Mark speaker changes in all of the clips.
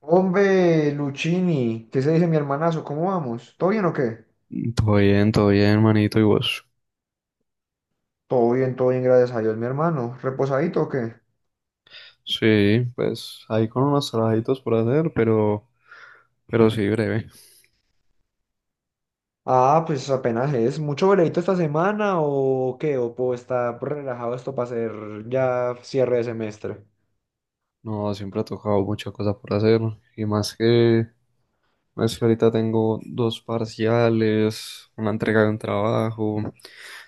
Speaker 1: Hombre, Luchini, ¿qué se dice mi hermanazo? ¿Cómo vamos? ¿Todo bien o qué?
Speaker 2: Todo bien, manito, y vos.
Speaker 1: Todo bien, gracias a Dios, mi hermano. ¿Reposadito o qué?
Speaker 2: Sí, pues ahí con unos trabajitos por hacer, pero sí, breve.
Speaker 1: Ah, pues apenas es. ¿Mucho veredito esta semana o qué? ¿O puedo estar relajado esto para hacer ya cierre de semestre?
Speaker 2: No, siempre ha tocado mucha cosa por hacer. Y más que ahorita tengo dos parciales, una entrega de un trabajo.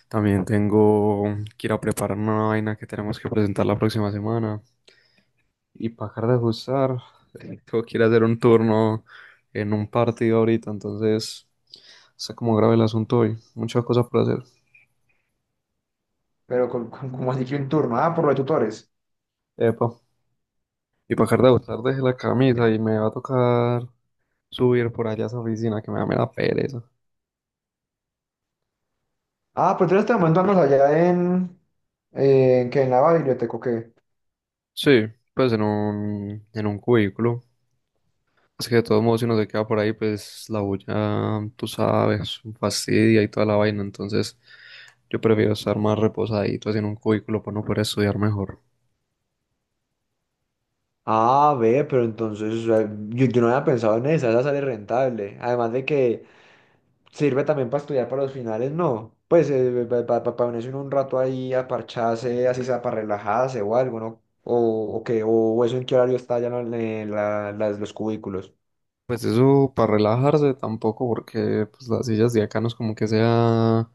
Speaker 2: También tengo que ir a preparar una vaina que tenemos que presentar la próxima semana. Y para acabar de ajustar, tengo que ir a hacer un turno en un partido ahorita, entonces está como grave el asunto hoy. Muchas cosas por hacer.
Speaker 1: Pero con, como así que un turno. Ah, por los tutores.
Speaker 2: Epa. Y para dejar de botar dejé la camisa y me va a tocar subir por allá a esa oficina que me da mera pereza.
Speaker 1: Ah, pero tú en este momento andas allá en... ¿En qué? ¿En la biblioteca o qué?
Speaker 2: Sí, pues en un cubículo. Es que de todos modos si uno se queda por ahí, pues la bulla, tú sabes, fastidia y toda la vaina. Entonces yo prefiero estar más reposadito así en un cubículo para no poder estudiar mejor.
Speaker 1: Ah, ve, pero entonces o sea, yo no había pensado en esa sale rentable. Además de que sirve también para estudiar para los finales, no. Pues para ponerse uno un rato ahí a parcharse, así sea para relajarse o algo, ¿no? O eso ¿en qué horario está ya?, ¿no?, en los cubículos.
Speaker 2: Pues eso para relajarse tampoco, porque pues las sillas de acá no es como que sea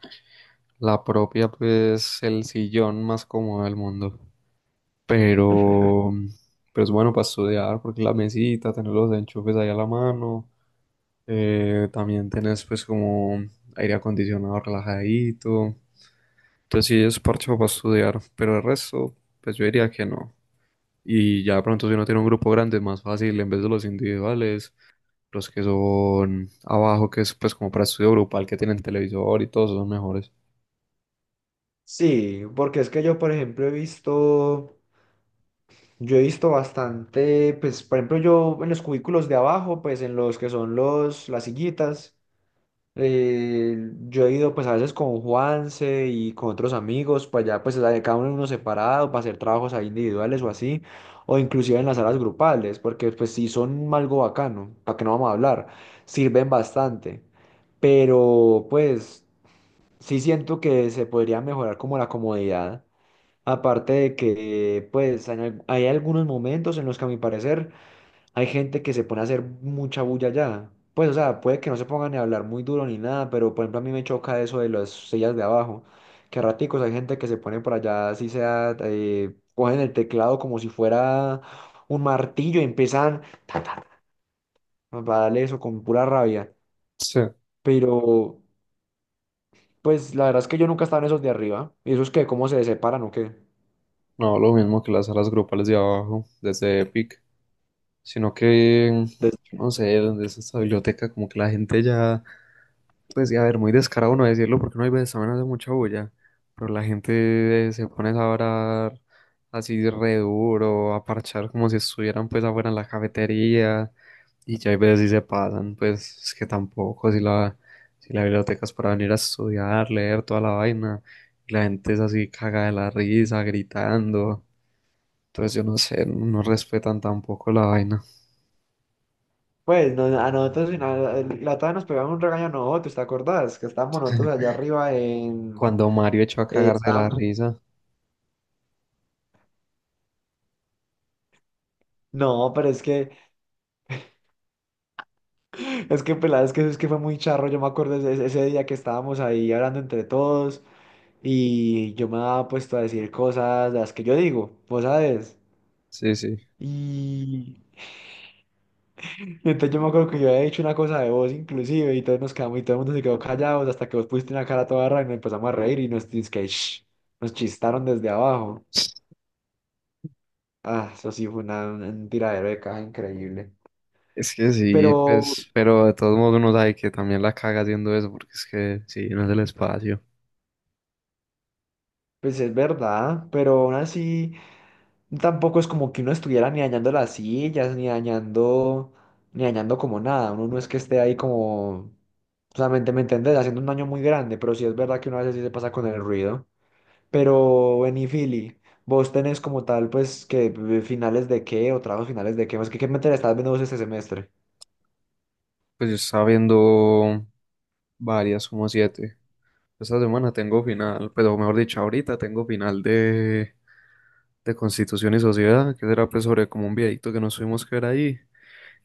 Speaker 2: la propia, pues el sillón más cómodo del mundo. Pero, pero es bueno para estudiar porque la mesita, tener los enchufes ahí a la mano, también tenés pues como aire acondicionado relajadito. Entonces sí es parche para estudiar, pero el resto pues yo diría que no. Y ya de pronto si uno tiene un grupo grande es más fácil en vez de los individuales, los que son abajo que es pues como para estudio grupal que tienen televisor y todos son mejores.
Speaker 1: Sí, porque es que yo, por ejemplo, he visto, yo he visto bastante, pues, por ejemplo, yo en los cubículos de abajo, pues en los que son las sillitas. Yo he ido pues a veces con Juanse y con otros amigos, pues cada uno en uno separado para hacer trabajos ahí individuales o así, o inclusive en las salas grupales, porque pues sí son algo bacano, para que no vamos a hablar, sirven bastante, pero pues sí siento que se podría mejorar como la comodidad, aparte de que pues hay algunos momentos en los que a mi parecer hay gente que se pone a hacer mucha bulla allá. Pues, o sea, puede que no se pongan ni a hablar muy duro ni nada, pero por ejemplo a mí me choca eso de las sillas de abajo, que a raticos hay gente que se pone por allá, así sea, cogen el teclado como si fuera un martillo y empiezan ta, ta, ta, a darle eso con pura rabia.
Speaker 2: Sí,
Speaker 1: Pero, pues, la verdad es que yo nunca he estado en esos de arriba. ¿Y esos que cómo se separan o qué?
Speaker 2: no, lo mismo que las salas grupales de abajo desde Epic. Sino que,
Speaker 1: Des-
Speaker 2: yo no sé, donde es esta biblioteca, como que la gente ya, pues, y a ver, muy descarado no decirlo porque no hay veces también hace mucha bulla, pero la gente se pone a hablar así re duro, a parchar como si estuvieran pues afuera en la cafetería, y ya hay veces sí se pasan, pues es que tampoco, si la biblioteca es para venir a estudiar, leer toda la vaina, y la gente es así caga de la risa, gritando, entonces yo no sé, no respetan tampoco la vaina.
Speaker 1: Pues, no, a nosotros, en la otra nos pegaban un regaño a nosotros, ¿te acordás? Que estábamos nosotros allá arriba en...
Speaker 2: Cuando Mario echó a
Speaker 1: Eh,
Speaker 2: cagarse de la
Speaker 1: estábamos-
Speaker 2: risa.
Speaker 1: No, pero es que, pelada, es que fue muy charro. Yo me acuerdo ese día que estábamos ahí hablando entre todos y yo me había puesto a decir cosas, las que yo digo, vos sabes.
Speaker 2: Sí, sí.
Speaker 1: Y, y entonces yo me acuerdo que yo había dicho una cosa de vos inclusive y todos nos quedamos y todo el mundo se quedó callados hasta que vos pusiste una cara toda rara y nos empezamos a reír y nos dice que "Shh", nos chistaron desde abajo. Ah, eso sí fue una, un tiradero de caja increíble.
Speaker 2: Es que sí,
Speaker 1: Pero,
Speaker 2: pues, pero de todos modos uno sabe que también la caga haciendo eso, porque es que sí, no es el espacio.
Speaker 1: pues es verdad, pero aún así. Tampoco es como que uno estuviera ni dañando las sillas, ni dañando como nada. Uno no es que esté ahí como, solamente me entendés, haciendo un daño muy grande, pero sí es verdad que uno a veces sí se pasa con el ruido. Pero, Benny Philly, vos tenés como tal, pues, que finales de qué o trabajos finales de qué, más que qué materia estás viendo vos este semestre.
Speaker 2: Pues yo estaba viendo varias, como siete. Esta semana tengo final, pero mejor dicho, ahorita tengo final de Constitución y Sociedad, que será pues sobre como un viejito que nos tuvimos que ver ahí,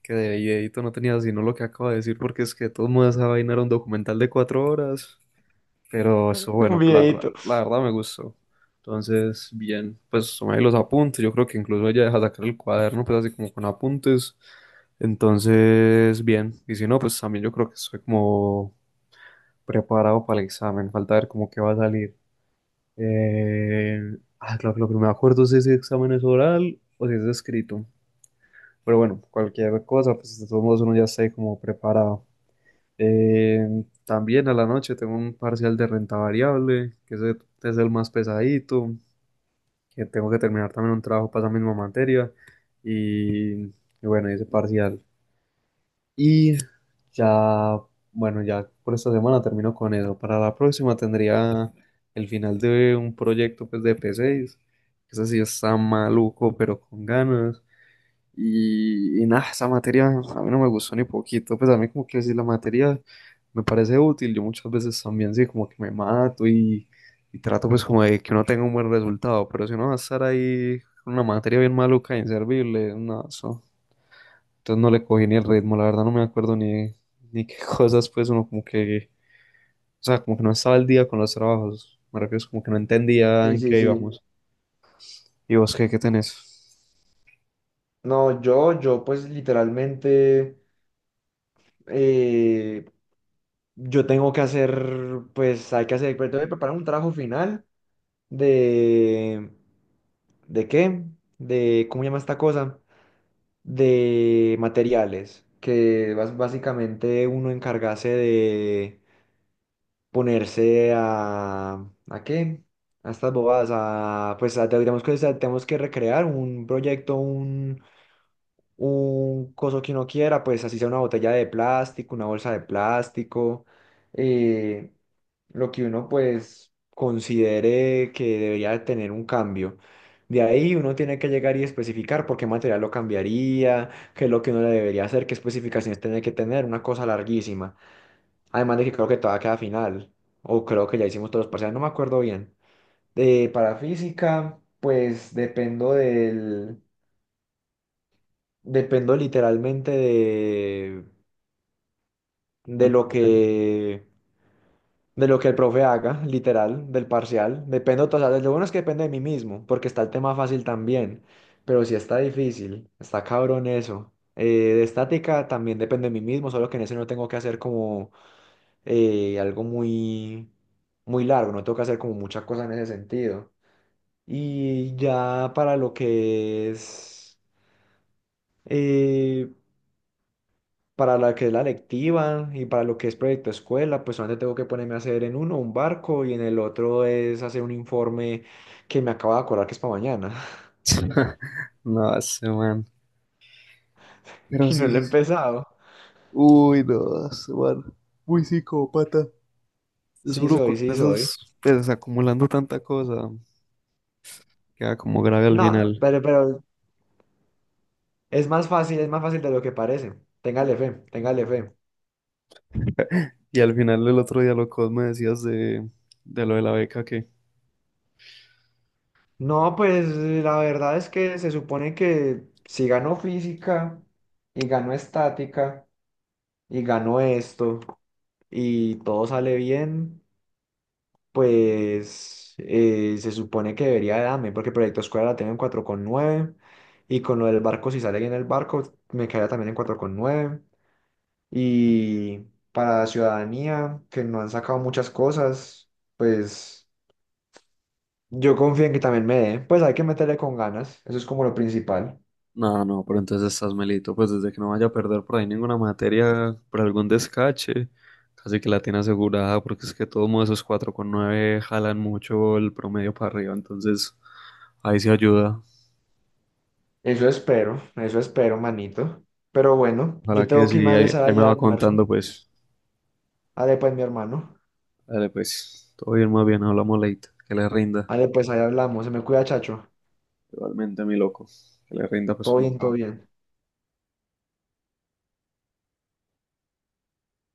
Speaker 2: que de viejito no tenía sino lo que acabo de decir, porque es que de todos modos esa vaina era un documental de 4 horas. Pero eso,
Speaker 1: Un
Speaker 2: bueno, pues, la, verdad-
Speaker 1: videíto.
Speaker 2: la verdad me gustó. Entonces, bien, pues tomé ahí los apuntes. Yo creo que incluso ella deja sacar el cuaderno, pues así como con apuntes. Entonces, bien. Y si no, pues también yo creo que estoy como preparado para el examen. Falta ver cómo que va a salir. Eh, ah, claro que lo que no me acuerdo es si ese examen es oral o si es escrito. Pero bueno, cualquier cosa, pues de todos modos uno ya está ahí como preparado. Eh, También a la noche tengo un parcial de renta variable, que ese es el más pesadito, que tengo que terminar también un trabajo para esa misma materia. Y bueno, ese parcial. Y ya, bueno, ya por esta semana termino con eso. Para la próxima tendría el final de un proyecto pues, de P6. Ese sí está maluco, pero con ganas. Y nada, esa materia a mí no me gustó ni poquito, pues a mí como que si la materia me parece útil, yo muchas veces también sí, como que me mato y trato pues como de que uno tenga un buen resultado, pero si uno va a estar ahí con una materia bien maluca, inservible, no, eso, entonces no le cogí ni el ritmo, la verdad no me acuerdo ni qué cosas pues uno como que, o sea, como que no estaba al día con los trabajos, me refiero es como que no entendía
Speaker 1: Sí,
Speaker 2: en
Speaker 1: sí,
Speaker 2: qué
Speaker 1: sí.
Speaker 2: íbamos. ¿Y vos qué tenés?
Speaker 1: No, yo, pues, literalmente, eh, yo tengo que hacer, pues, hay que hacer, pero tengo que preparar un trabajo final de... ¿De qué? De, ¿cómo llama esta cosa? De materiales, que básicamente uno encargase de ponerse a... ¿A qué? A estas bobadas, a, pues digamos que o sea, tenemos que recrear un proyecto, un coso que uno quiera, pues así sea una botella de plástico, una bolsa de plástico, eh, lo que uno pues considere que debería tener un cambio. De ahí uno tiene que llegar y especificar por qué material lo cambiaría, qué es lo que uno le debería hacer, qué especificaciones tiene que tener, una cosa larguísima. Además de que creo que todavía queda final, o creo que ya hicimos todos los parciales, no me acuerdo bien. Para física, pues dependo literalmente de
Speaker 2: El profe.
Speaker 1: de lo que el profe haga, literal, del parcial. Dependo, o sea, lo bueno es que depende de mí mismo, porque está el tema fácil también, pero si está difícil, está cabrón eso. De estática también depende de mí mismo, solo que en ese no tengo que hacer como algo muy largo, no tengo que hacer como mucha cosa en ese sentido. Y ya para lo que es... eh, para la que es la lectiva y para lo que es proyecto escuela, pues solamente tengo que ponerme a hacer en uno un barco y en el otro es hacer un informe que me acabo de acordar que es para mañana.
Speaker 2: No, ese man. Pero
Speaker 1: Y no
Speaker 2: sí,
Speaker 1: lo he
Speaker 2: sí. Sí.
Speaker 1: empezado.
Speaker 2: Uy, no, ese man. Muy psicópata. Es
Speaker 1: Sí
Speaker 2: uno con
Speaker 1: soy, sí soy.
Speaker 2: esos, pues acumulando tanta cosa, queda como grave al
Speaker 1: No,
Speaker 2: final.
Speaker 1: pero es más fácil de lo que parece. Téngale fe, téngale fe.
Speaker 2: Y al final el otro día lo que vos me decías de lo de la beca que...
Speaker 1: No, pues la verdad es que se supone que si gano física y gano estática y gano esto y todo sale bien, pues se supone que debería darme, porque Proyecto Escuela la tengo en 4,9 y con lo del barco, si sale bien el barco, me quedaría también en 4,9. Y para Ciudadanía, que no han sacado muchas cosas, pues yo confío en que también me dé, pues hay que meterle con ganas, eso es como lo principal.
Speaker 2: No, no, pero entonces estás melito, pues desde que no vaya a perder por ahí ninguna materia, por algún descache, casi que la tiene asegurada, porque es que todos modos esos 4,9 jalan mucho el promedio para arriba, entonces ahí se ayuda.
Speaker 1: Eso espero, manito. Pero bueno,
Speaker 2: Para
Speaker 1: yo
Speaker 2: que
Speaker 1: tengo que irme
Speaker 2: sí,
Speaker 1: a
Speaker 2: ahí,
Speaker 1: hacer
Speaker 2: ahí me
Speaker 1: allá
Speaker 2: va
Speaker 1: almuerzo.
Speaker 2: contando, pues.
Speaker 1: Ale pues, mi hermano.
Speaker 2: Dale, pues, todo bien, más bien, hablamos late. Que le rinda.
Speaker 1: Ale pues, ahí hablamos. Se me cuida, chacho.
Speaker 2: Igualmente, mi loco. Que le rinda, pues,
Speaker 1: Todo
Speaker 2: un
Speaker 1: bien, todo
Speaker 2: trabajo.
Speaker 1: bien.